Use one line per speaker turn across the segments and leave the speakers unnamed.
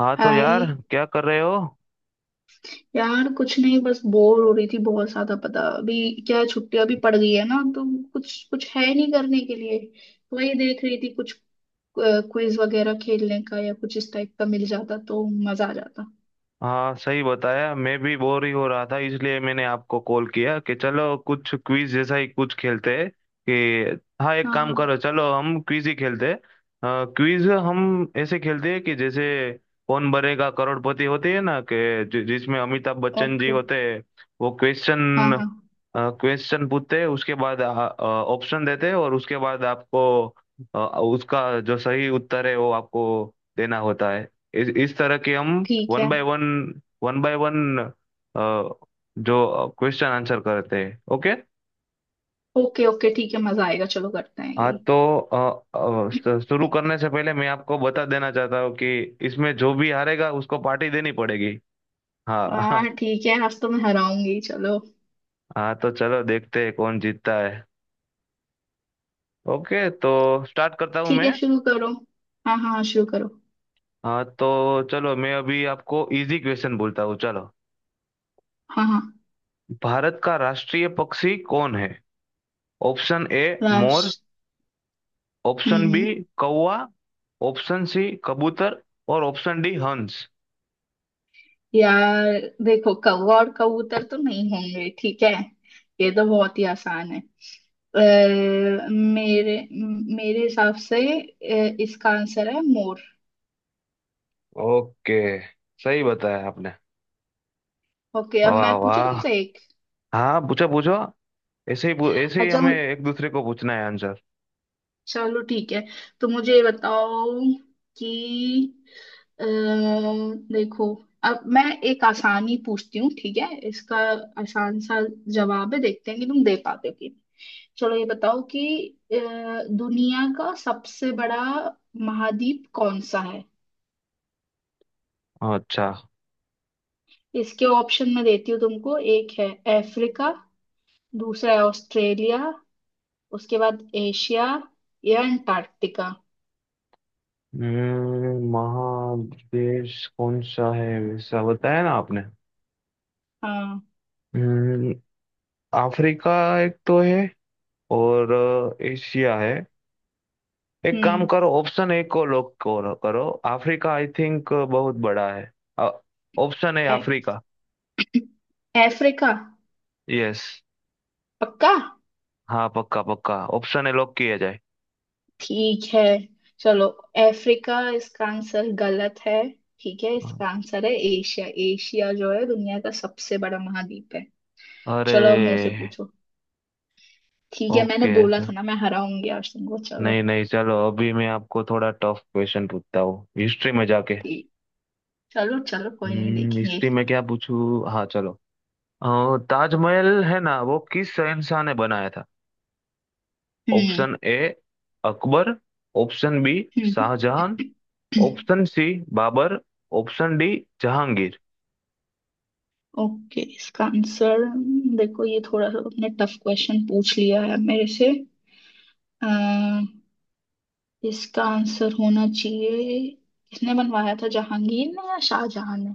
हाँ, तो यार,
हाय।
क्या कर रहे हो?
यार कुछ नहीं, बस बोर हो रही थी बहुत ज्यादा। पता अभी क्या है, छुट्टियां भी पड़ गई है ना, तो कुछ कुछ है नहीं करने के लिए। वही देख रही थी कुछ क्विज वगैरह खेलने का, या कुछ इस टाइप का मिल जाता तो मजा आ जाता।
हाँ, सही बताया। मैं भी बोर ही हो रहा था, इसलिए मैंने आपको कॉल किया कि चलो कुछ क्विज जैसा ही कुछ खेलते हैं। कि हाँ, एक काम
हाँ।
करो, चलो हम क्विज ही खेलते हैं। क्विज हम ऐसे खेलते हैं कि जैसे कौन बनेगा करोड़पति होती है ना, कि जिसमें अमिताभ बच्चन जी
ओके।
होते हैं। वो
हाँ
क्वेश्चन
हाँ
क्वेश्चन पूछते हैं, उसके बाद ऑप्शन देते हैं और उसके बाद आपको उसका जो सही उत्तर है वो आपको देना होता है। इस तरह के हम
ठीक
वन
है।
By one one by one जो क्वेश्चन आंसर करते हैं। ओके।
ओके ओके ठीक है, मजा आएगा, चलो करते हैं
हाँ
यही।
तो अ, शुरू करने से पहले मैं आपको बता देना चाहता हूँ कि इसमें जो भी हारेगा उसको पार्टी देनी पड़ेगी। हाँ।
हाँ ठीक है, आज तो मैं हराऊंगी, चलो।
हाँ तो चलो देखते हैं कौन जीतता है। ओके तो स्टार्ट करता हूँ
ठीक है,
मैं।
शुरू करो। हाँ हाँ शुरू करो।
हाँ तो चलो, मैं अभी आपको इजी क्वेश्चन बोलता हूँ, चलो।
हाँ हाँ।
भारत का राष्ट्रीय पक्षी कौन है? ऑप्शन ए मोर,
लास्ट।
ऑप्शन बी
हम्म।
कौवा, ऑप्शन सी कबूतर, और ऑप्शन डी हंस।
यार देखो, कौवा और कबूतर तो नहीं होंगे, ठीक है। ये तो बहुत ही आसान है। अ, मेरे हिसाब से इसका आंसर है मोर।
ओके, सही बताया आपने।
ओके, अब
वाह
मैं पूछू
वाह।
तुमसे एक।
हाँ पूछो पूछो। ऐसे ही ऐसे ही
अच्छा
हमें
मु-
एक दूसरे को पूछना है आंसर।
चलो ठीक है, तो मुझे ये बताओ कि अ, देखो, अब मैं एक आसानी पूछती हूँ, ठीक है। इसका आसान सा जवाब है, देखते हैं कि तुम दे पाते हो कि नहीं। चलो ये बताओ कि अ, दुनिया का सबसे बड़ा महाद्वीप कौन सा है।
अच्छा।
इसके ऑप्शन मैं देती हूँ तुमको। एक है अफ्रीका, दूसरा है ऑस्ट्रेलिया, उसके बाद एशिया, या अंटार्कटिका।
महादेश कौन सा है वैसा बताया ना आपने?
हाँ।
हम्म, अफ्रीका एक तो है, और एशिया है। एक काम
हम्म।
करो, ऑप्शन ए को लॉक करो करो। अफ्रीका आई थिंक बहुत बड़ा है। ऑप्शन है
ए-
अफ्रीका।
अफ्रीका।
यस।
पक्का।
हाँ पक्का पक्का, ऑप्शन है, लॉक किया जाए।
ठीक है चलो। अफ्रीका इसका आंसर गलत है। ठीक है,
हाँ।
इसका आंसर है एशिया। एशिया जो है दुनिया का सबसे बड़ा महाद्वीप है। चलो अब मेरे से
अरे।
पूछो। ठीक है, मैंने
ओके।
बोला था ना मैं हराऊंगी अर्शन को, चलो।
नहीं नहीं, चलो अभी मैं आपको थोड़ा टफ क्वेश्चन पूछता हूँ, हिस्ट्री में जाके।
ठीक। चलो चलो, कोई नहीं, देखेंगे।
हिस्ट्री में क्या पूछूं? हाँ चलो, ताजमहल है ना, वो किस शहंशाह ने बनाया था?
हम्म।
Option A Akbar, option B
हम्म।
Shahjahan, option C Babur, option D Jahangir.
Okay इसका आंसर। देखो ये थोड़ा सा तुमने टफ क्वेश्चन पूछ लिया है मेरे से। आ, इसका आंसर होना चाहिए। किसने बनवाया था, जहांगीर ने या शाहजहां ने।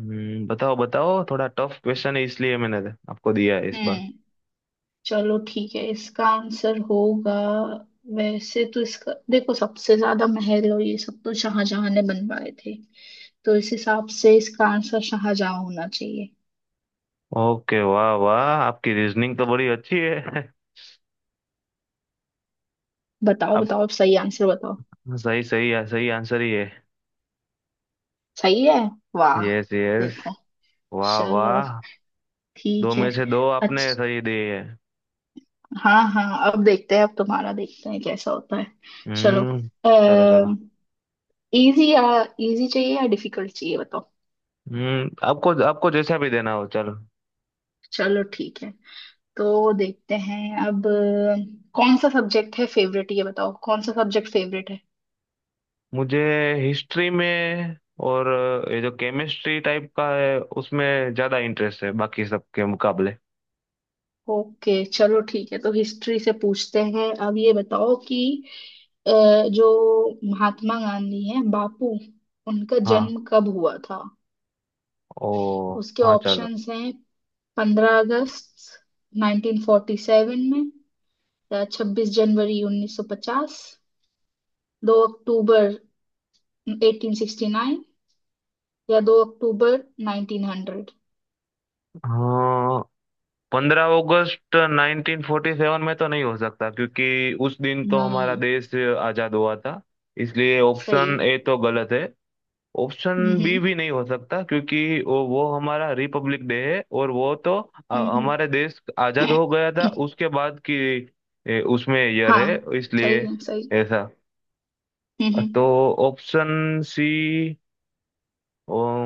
बताओ बताओ, थोड़ा टफ क्वेश्चन है इसलिए मैंने आपको दिया है इस बार।
हम्म। चलो ठीक है, इसका आंसर होगा। वैसे तो इसका देखो, सबसे ज्यादा महल और ये सब तो शाहजहां ने बनवाए थे, तो इस हिसाब से इसका आंसर शाहजहां होना चाहिए।
ओके, वाह वाह, आपकी रीजनिंग तो बड़ी अच्छी है।
बताओ
आप
बताओ, अब सही आंसर बताओ।
सही, सही सही आंसर ही है।
सही है। वाह।
Yes yes.
देखो।
वाह
चलो।
वाह। दो
ठीक है।
में से दो आपने
अच्छा।
सही दिए है।
हाँ हाँ, अब देखते हैं अब तुम्हारा, देखते हैं कैसा होता है। चलो।
हम्म चलो चलो।
इजी या, इजी चाहिए या डिफिकल्ट चाहिए बताओ।
आपको आपको जैसा भी देना हो, चलो।
चलो ठीक है, तो देखते हैं अब। कौन सा सब्जेक्ट है फेवरेट, ये बताओ। कौन सा सब्जेक्ट फेवरेट है।
मुझे हिस्ट्री में और ये जो केमिस्ट्री टाइप का है उसमें ज्यादा इंटरेस्ट है, बाकी सबके मुकाबले।
ओके चलो ठीक है, तो हिस्ट्री से पूछते हैं। अब ये बताओ कि अ, जो महात्मा गांधी हैं, बापू, उनका
हाँ।
जन्म कब हुआ था।
ओ।
उसके
हाँ चलो।
ऑप्शंस हैं पंद्रह अगस्त 1947 में, या छब्बीस जनवरी 1950, दो अक्टूबर 1869, या दो अक्टूबर 1900।
हाँ, 15 अगस्त 1947 में तो नहीं हो सकता, क्योंकि उस दिन तो हमारा
नहीं।
देश आजाद हुआ था, इसलिए
सही।
ऑप्शन ए तो गलत है।
हम्म।
ऑप्शन बी
हम्म।
भी नहीं हो सकता, क्योंकि वो हमारा रिपब्लिक डे है और वो तो
हम्म।
हमारे देश आजाद हो गया था
हम्म।
उसके बाद की। ए, उसमें ईयर
हाँ
है इसलिए
सही है, सही।
ऐसा तो।
हम्म।
ऑप्शन सी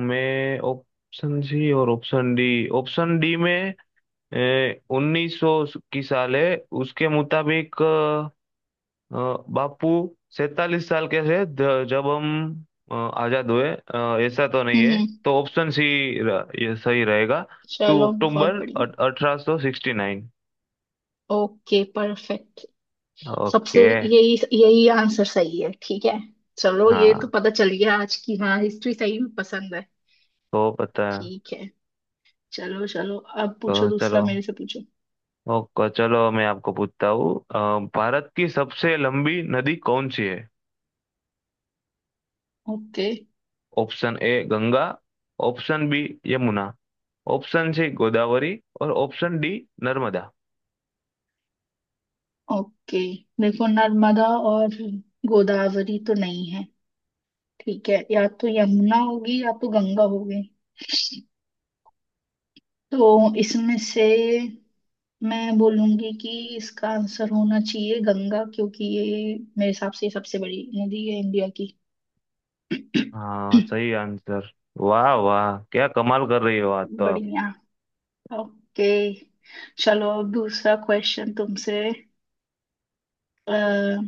ऑप्शन सी और ऑप्शन डी में 1900 की साल है। उसके मुताबिक अ, बापू 47 साल कैसे, जब हम आजाद हुए, ऐसा तो नहीं
हम्म।
है।
हम्म।
तो ऑप्शन सी, ये सही रहेगा। टू
चलो बहुत
अक्टूबर
बढ़िया।
अठारह सौ सिक्सटी नाइन
ओके परफेक्ट। सबसे,
ओके।
यही यही आंसर सही है, ठीक है। चलो ये तो
हाँ
पता चल गया आज की, हाँ, हिस्ट्री सही में पसंद है।
तो पता है।
ठीक है। चलो चलो, अब पूछो
तो चलो।
दूसरा, मेरे से पूछो।
ओके चलो, मैं आपको पूछता हूँ। भारत की सबसे लंबी नदी कौन सी है?
Okay
option A Ganga, option B Yamuna, option C Godavari, और ऑप्शन डी नर्मदा।
ओके। देखो नर्मदा और गोदावरी तो नहीं है, ठीक है। या तो यमुना होगी या तो गंगा होगी। तो इसमें से मैं बोलूंगी कि इसका आंसर होना चाहिए गंगा, क्योंकि ये मेरे हिसाब से सबसे बड़ी नदी है इंडिया की।
हाँ, सही आंसर। वाह वाह, क्या कमाल कर रही हो आज तो आप।
बढ़िया। ओके। चलो अब दूसरा क्वेश्चन तुमसे। अ,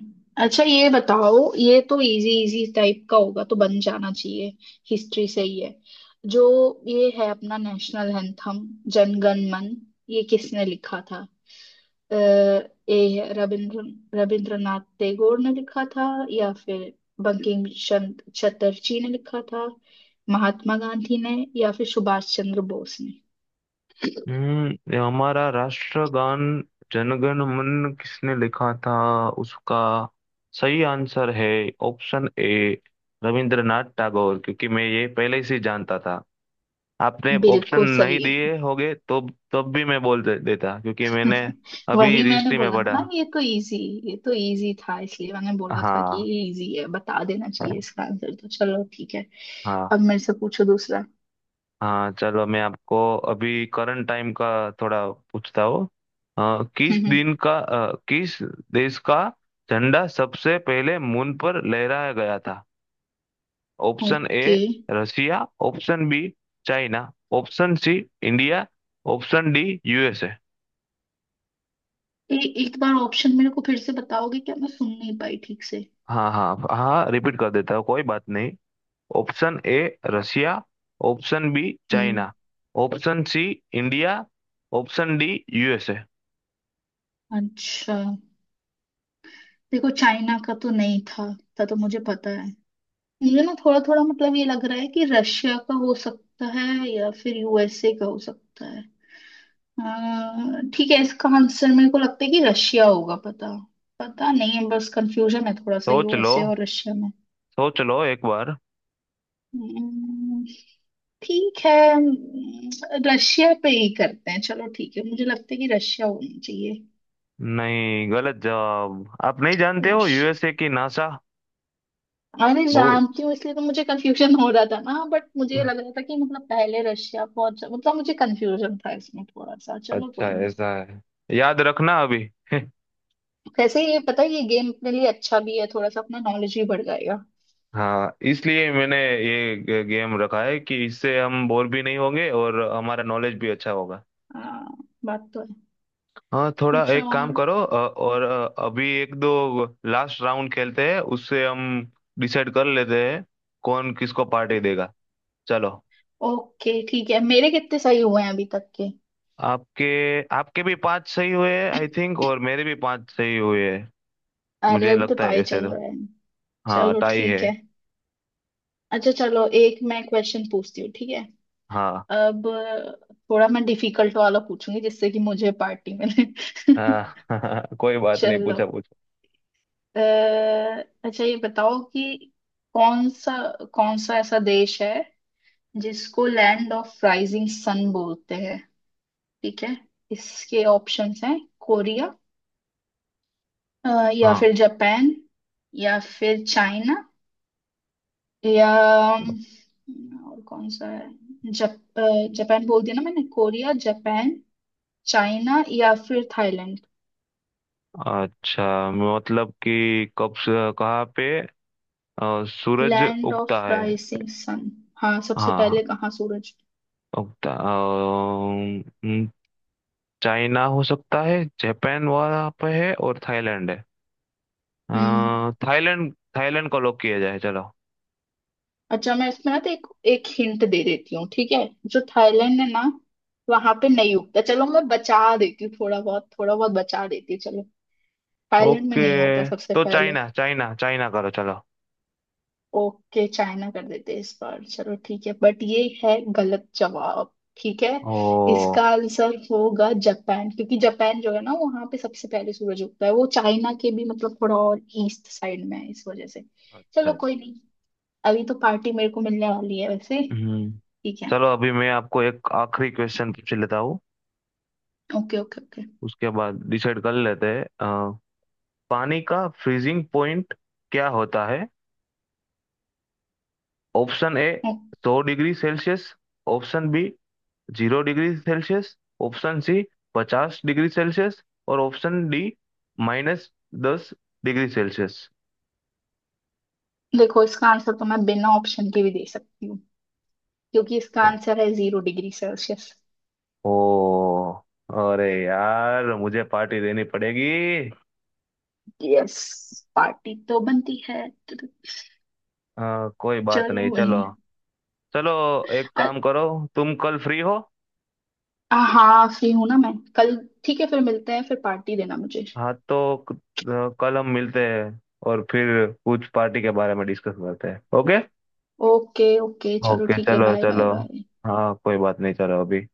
अच्छा ये बताओ, ये तो इजी इजी टाइप का होगा तो बन जाना चाहिए। हिस्ट्री से ही है जो। ये है अपना नेशनल एंथम, जनगण मन, ये किसने लिखा था। ये है, रविंद्रनाथ टैगोर ने लिखा था, या फिर बंकिम चंद्र चटर्जी ने लिखा था, महात्मा गांधी ने, या फिर सुभाष चंद्र बोस ने।
ये हमारा राष्ट्रगान जनगण मन किसने लिखा था, उसका सही आंसर है ऑप्शन ए रविंद्रनाथ टैगोर, क्योंकि मैं ये पहले से ही जानता था। आपने ऑप्शन
बिल्कुल
नहीं
सही।
दिए होगे तो तब भी मैं देता, क्योंकि मैंने अभी
वही मैंने
हिस्ट्री में
बोला ना,
पढ़ा।
ना ये तो इजी। ये तो इजी था, इसलिए मैंने बोला था कि
हाँ।
ये इजी है, बता देना चाहिए इसका आंसर। तो चलो ठीक है।
हाँ।
अब मेरे से पूछो दूसरा।
हाँ चलो, मैं आपको अभी करंट टाइम का थोड़ा पूछता हूँ।
हम्म।
किस देश का झंडा सबसे पहले मून पर लहराया गया था? Option A
okay.
Russia, option B China, option C India, option D USA.
ए, एक बार ऑप्शन मेरे को फिर से बताओगे क्या, मैं सुन नहीं पाई ठीक से।
हाँ हाँ हाँ, रिपीट कर देता हूँ, कोई बात नहीं। Option A Russia, option B
हम्म।
China, option C India, option D USA.
अच्छा देखो, चाइना का तो नहीं था, था तो मुझे पता है। मुझे ना थोड़ा थोड़ा मतलब ये लग रहा है कि रशिया का हो सकता है या फिर यूएसए का हो सकता है। ठीक है, इसका आंसर मेरे को लगता है कि रशिया होगा, पता, पता नहीं है, बस कंफ्यूजन है थोड़ा सा
सोच लो,
यूएसए और रशिया में।
सोच लो एक बार।
हम्म। ठीक है। हम्म। रशिया पे ही करते हैं, चलो ठीक है, मुझे लगता है कि रशिया होनी चाहिए।
नहीं, गलत जवाब। आप नहीं जानते हो?
ओश।
यूएसए की नासा।
अरे
बहुत
जानती हूँ, इसलिए तो मुझे कंफ्यूजन हो रहा था ना। बट मुझे लग रहा था कि मतलब पहले रशिया पहुंच, मतलब मुझे कंफ्यूजन था इसमें थोड़ा सा, चलो
अच्छा।
कोई नहीं।
ऐसा है, याद रखना अभी।
वैसे ये पता है, ये गेम अपने लिए अच्छा भी है, थोड़ा सा अपना नॉलेज भी बढ़ जाएगा।
हाँ, इसलिए मैंने ये गेम रखा है कि इससे हम बोर भी नहीं होंगे और हमारा नॉलेज भी अच्छा होगा।
हाँ। बात तो।
हाँ, थोड़ा
अच्छा
एक काम
और।
करो, और अभी एक दो लास्ट राउंड खेलते हैं, उससे हम डिसाइड कर लेते हैं कौन किसको पार्टी देगा। चलो।
ओके ठीक है, मेरे कितने सही हुए हैं अभी तक के।
आपके आपके भी पांच सही हुए आई थिंक, और मेरे भी पांच सही हुए हैं,
अरे
मुझे
अभी तो
लगता है
टाई
ऐसे
चल
तो।
रहा है।
हाँ
चलो
टाई
ठीक
है।
है। अच्छा चलो, एक मैं क्वेश्चन पूछती हूँ, ठीक है।
हाँ।
अब थोड़ा मैं डिफिकल्ट वाला पूछूंगी, जिससे कि मुझे पार्टी मिले।
हाँ। कोई बात नहीं,
चलो।
पूछा पूछा।
अ, अच्छा ये बताओ कि कौन सा कौन सा ऐसा देश है जिसको लैंड ऑफ राइजिंग सन बोलते हैं, ठीक है। इसके ऑप्शंस हैं कोरिया, अ, या
हाँ।
फिर जापान, या फिर चाइना, या और कौन सा है, जापान बोल दिया ना मैंने। कोरिया, जापान, चाइना या फिर थाईलैंड।
अच्छा, मतलब कि कहाँ पे सूरज
लैंड
उगता
ऑफ
है?
Rising sun. हाँ, सबसे
हाँ। हाँ,
पहले कहाँ सूरज।
उगता। चाइना हो सकता है, जापान वहाँ पे है, और थाईलैंड है। अ,
हम्म।
थाईलैंड थाईलैंड को लॉक किया जाए चलो।
अच्छा मैं इसमें ना तो एक एक हिंट दे देती हूँ, ठीक है। जो थाईलैंड है ना, वहां पे नहीं उगता। चलो मैं बचा देती हूँ थोड़ा बहुत, थोड़ा बहुत बचा देती हूँ चलो। थाईलैंड में
ओके,
नहीं होता सबसे
तो
पहले।
चाइना चाइना चाइना करो चलो।
ओके चाइना कर देते इस बार, चलो ठीक है, बट ये है गलत जवाब। ठीक है,
ओ।
इसका आंसर होगा जापान, क्योंकि जापान जो है ना, वहां पे सबसे पहले सूरज उगता है। वो चाइना के भी मतलब थोड़ा और ईस्ट साइड में है, इस वजह से।
अच्छा
चलो
है।
कोई नहीं, अभी तो पार्टी मेरे को मिलने वाली है वैसे।
हम्म
ठीक है।
चलो अभी मैं आपको एक आखिरी क्वेश्चन पूछ लेता हूँ,
ओके ओके ओके।
उसके बाद डिसाइड कर लेते हैं। अ, पानी का फ्रीजिंग पॉइंट क्या होता है? ऑप्शन ए 100 degree Celsius, option B 0 degree Celsius, option सी 50 डिग्री सेल्सियस, और ऑप्शन डी -10 डिग्री सेल्सियस।
देखो इसका आंसर तो मैं बिना ऑप्शन के भी दे सकती हूँ, क्योंकि इसका
ओ,
आंसर है जीरो डिग्री सेल्सियस।
ओ, अरे यार मुझे पार्टी देनी पड़ेगी।
यस। पार्टी तो बनती है।
कोई बात
चलो
नहीं। चलो
बढ़िया।
चलो, एक काम करो, तुम कल फ्री हो?
हाँ फ्री हूं ना मैं कल। ठीक है, फिर मिलते हैं, फिर पार्टी देना मुझे।
हाँ तो, कल हम मिलते हैं और फिर कुछ पार्टी के बारे में डिस्कस करते हैं, ओके।
ओके ओके चलो
ओके
ठीक है,
चलो
बाय बाय
चलो।
बाय।
हाँ कोई बात नहीं, चलो अभी।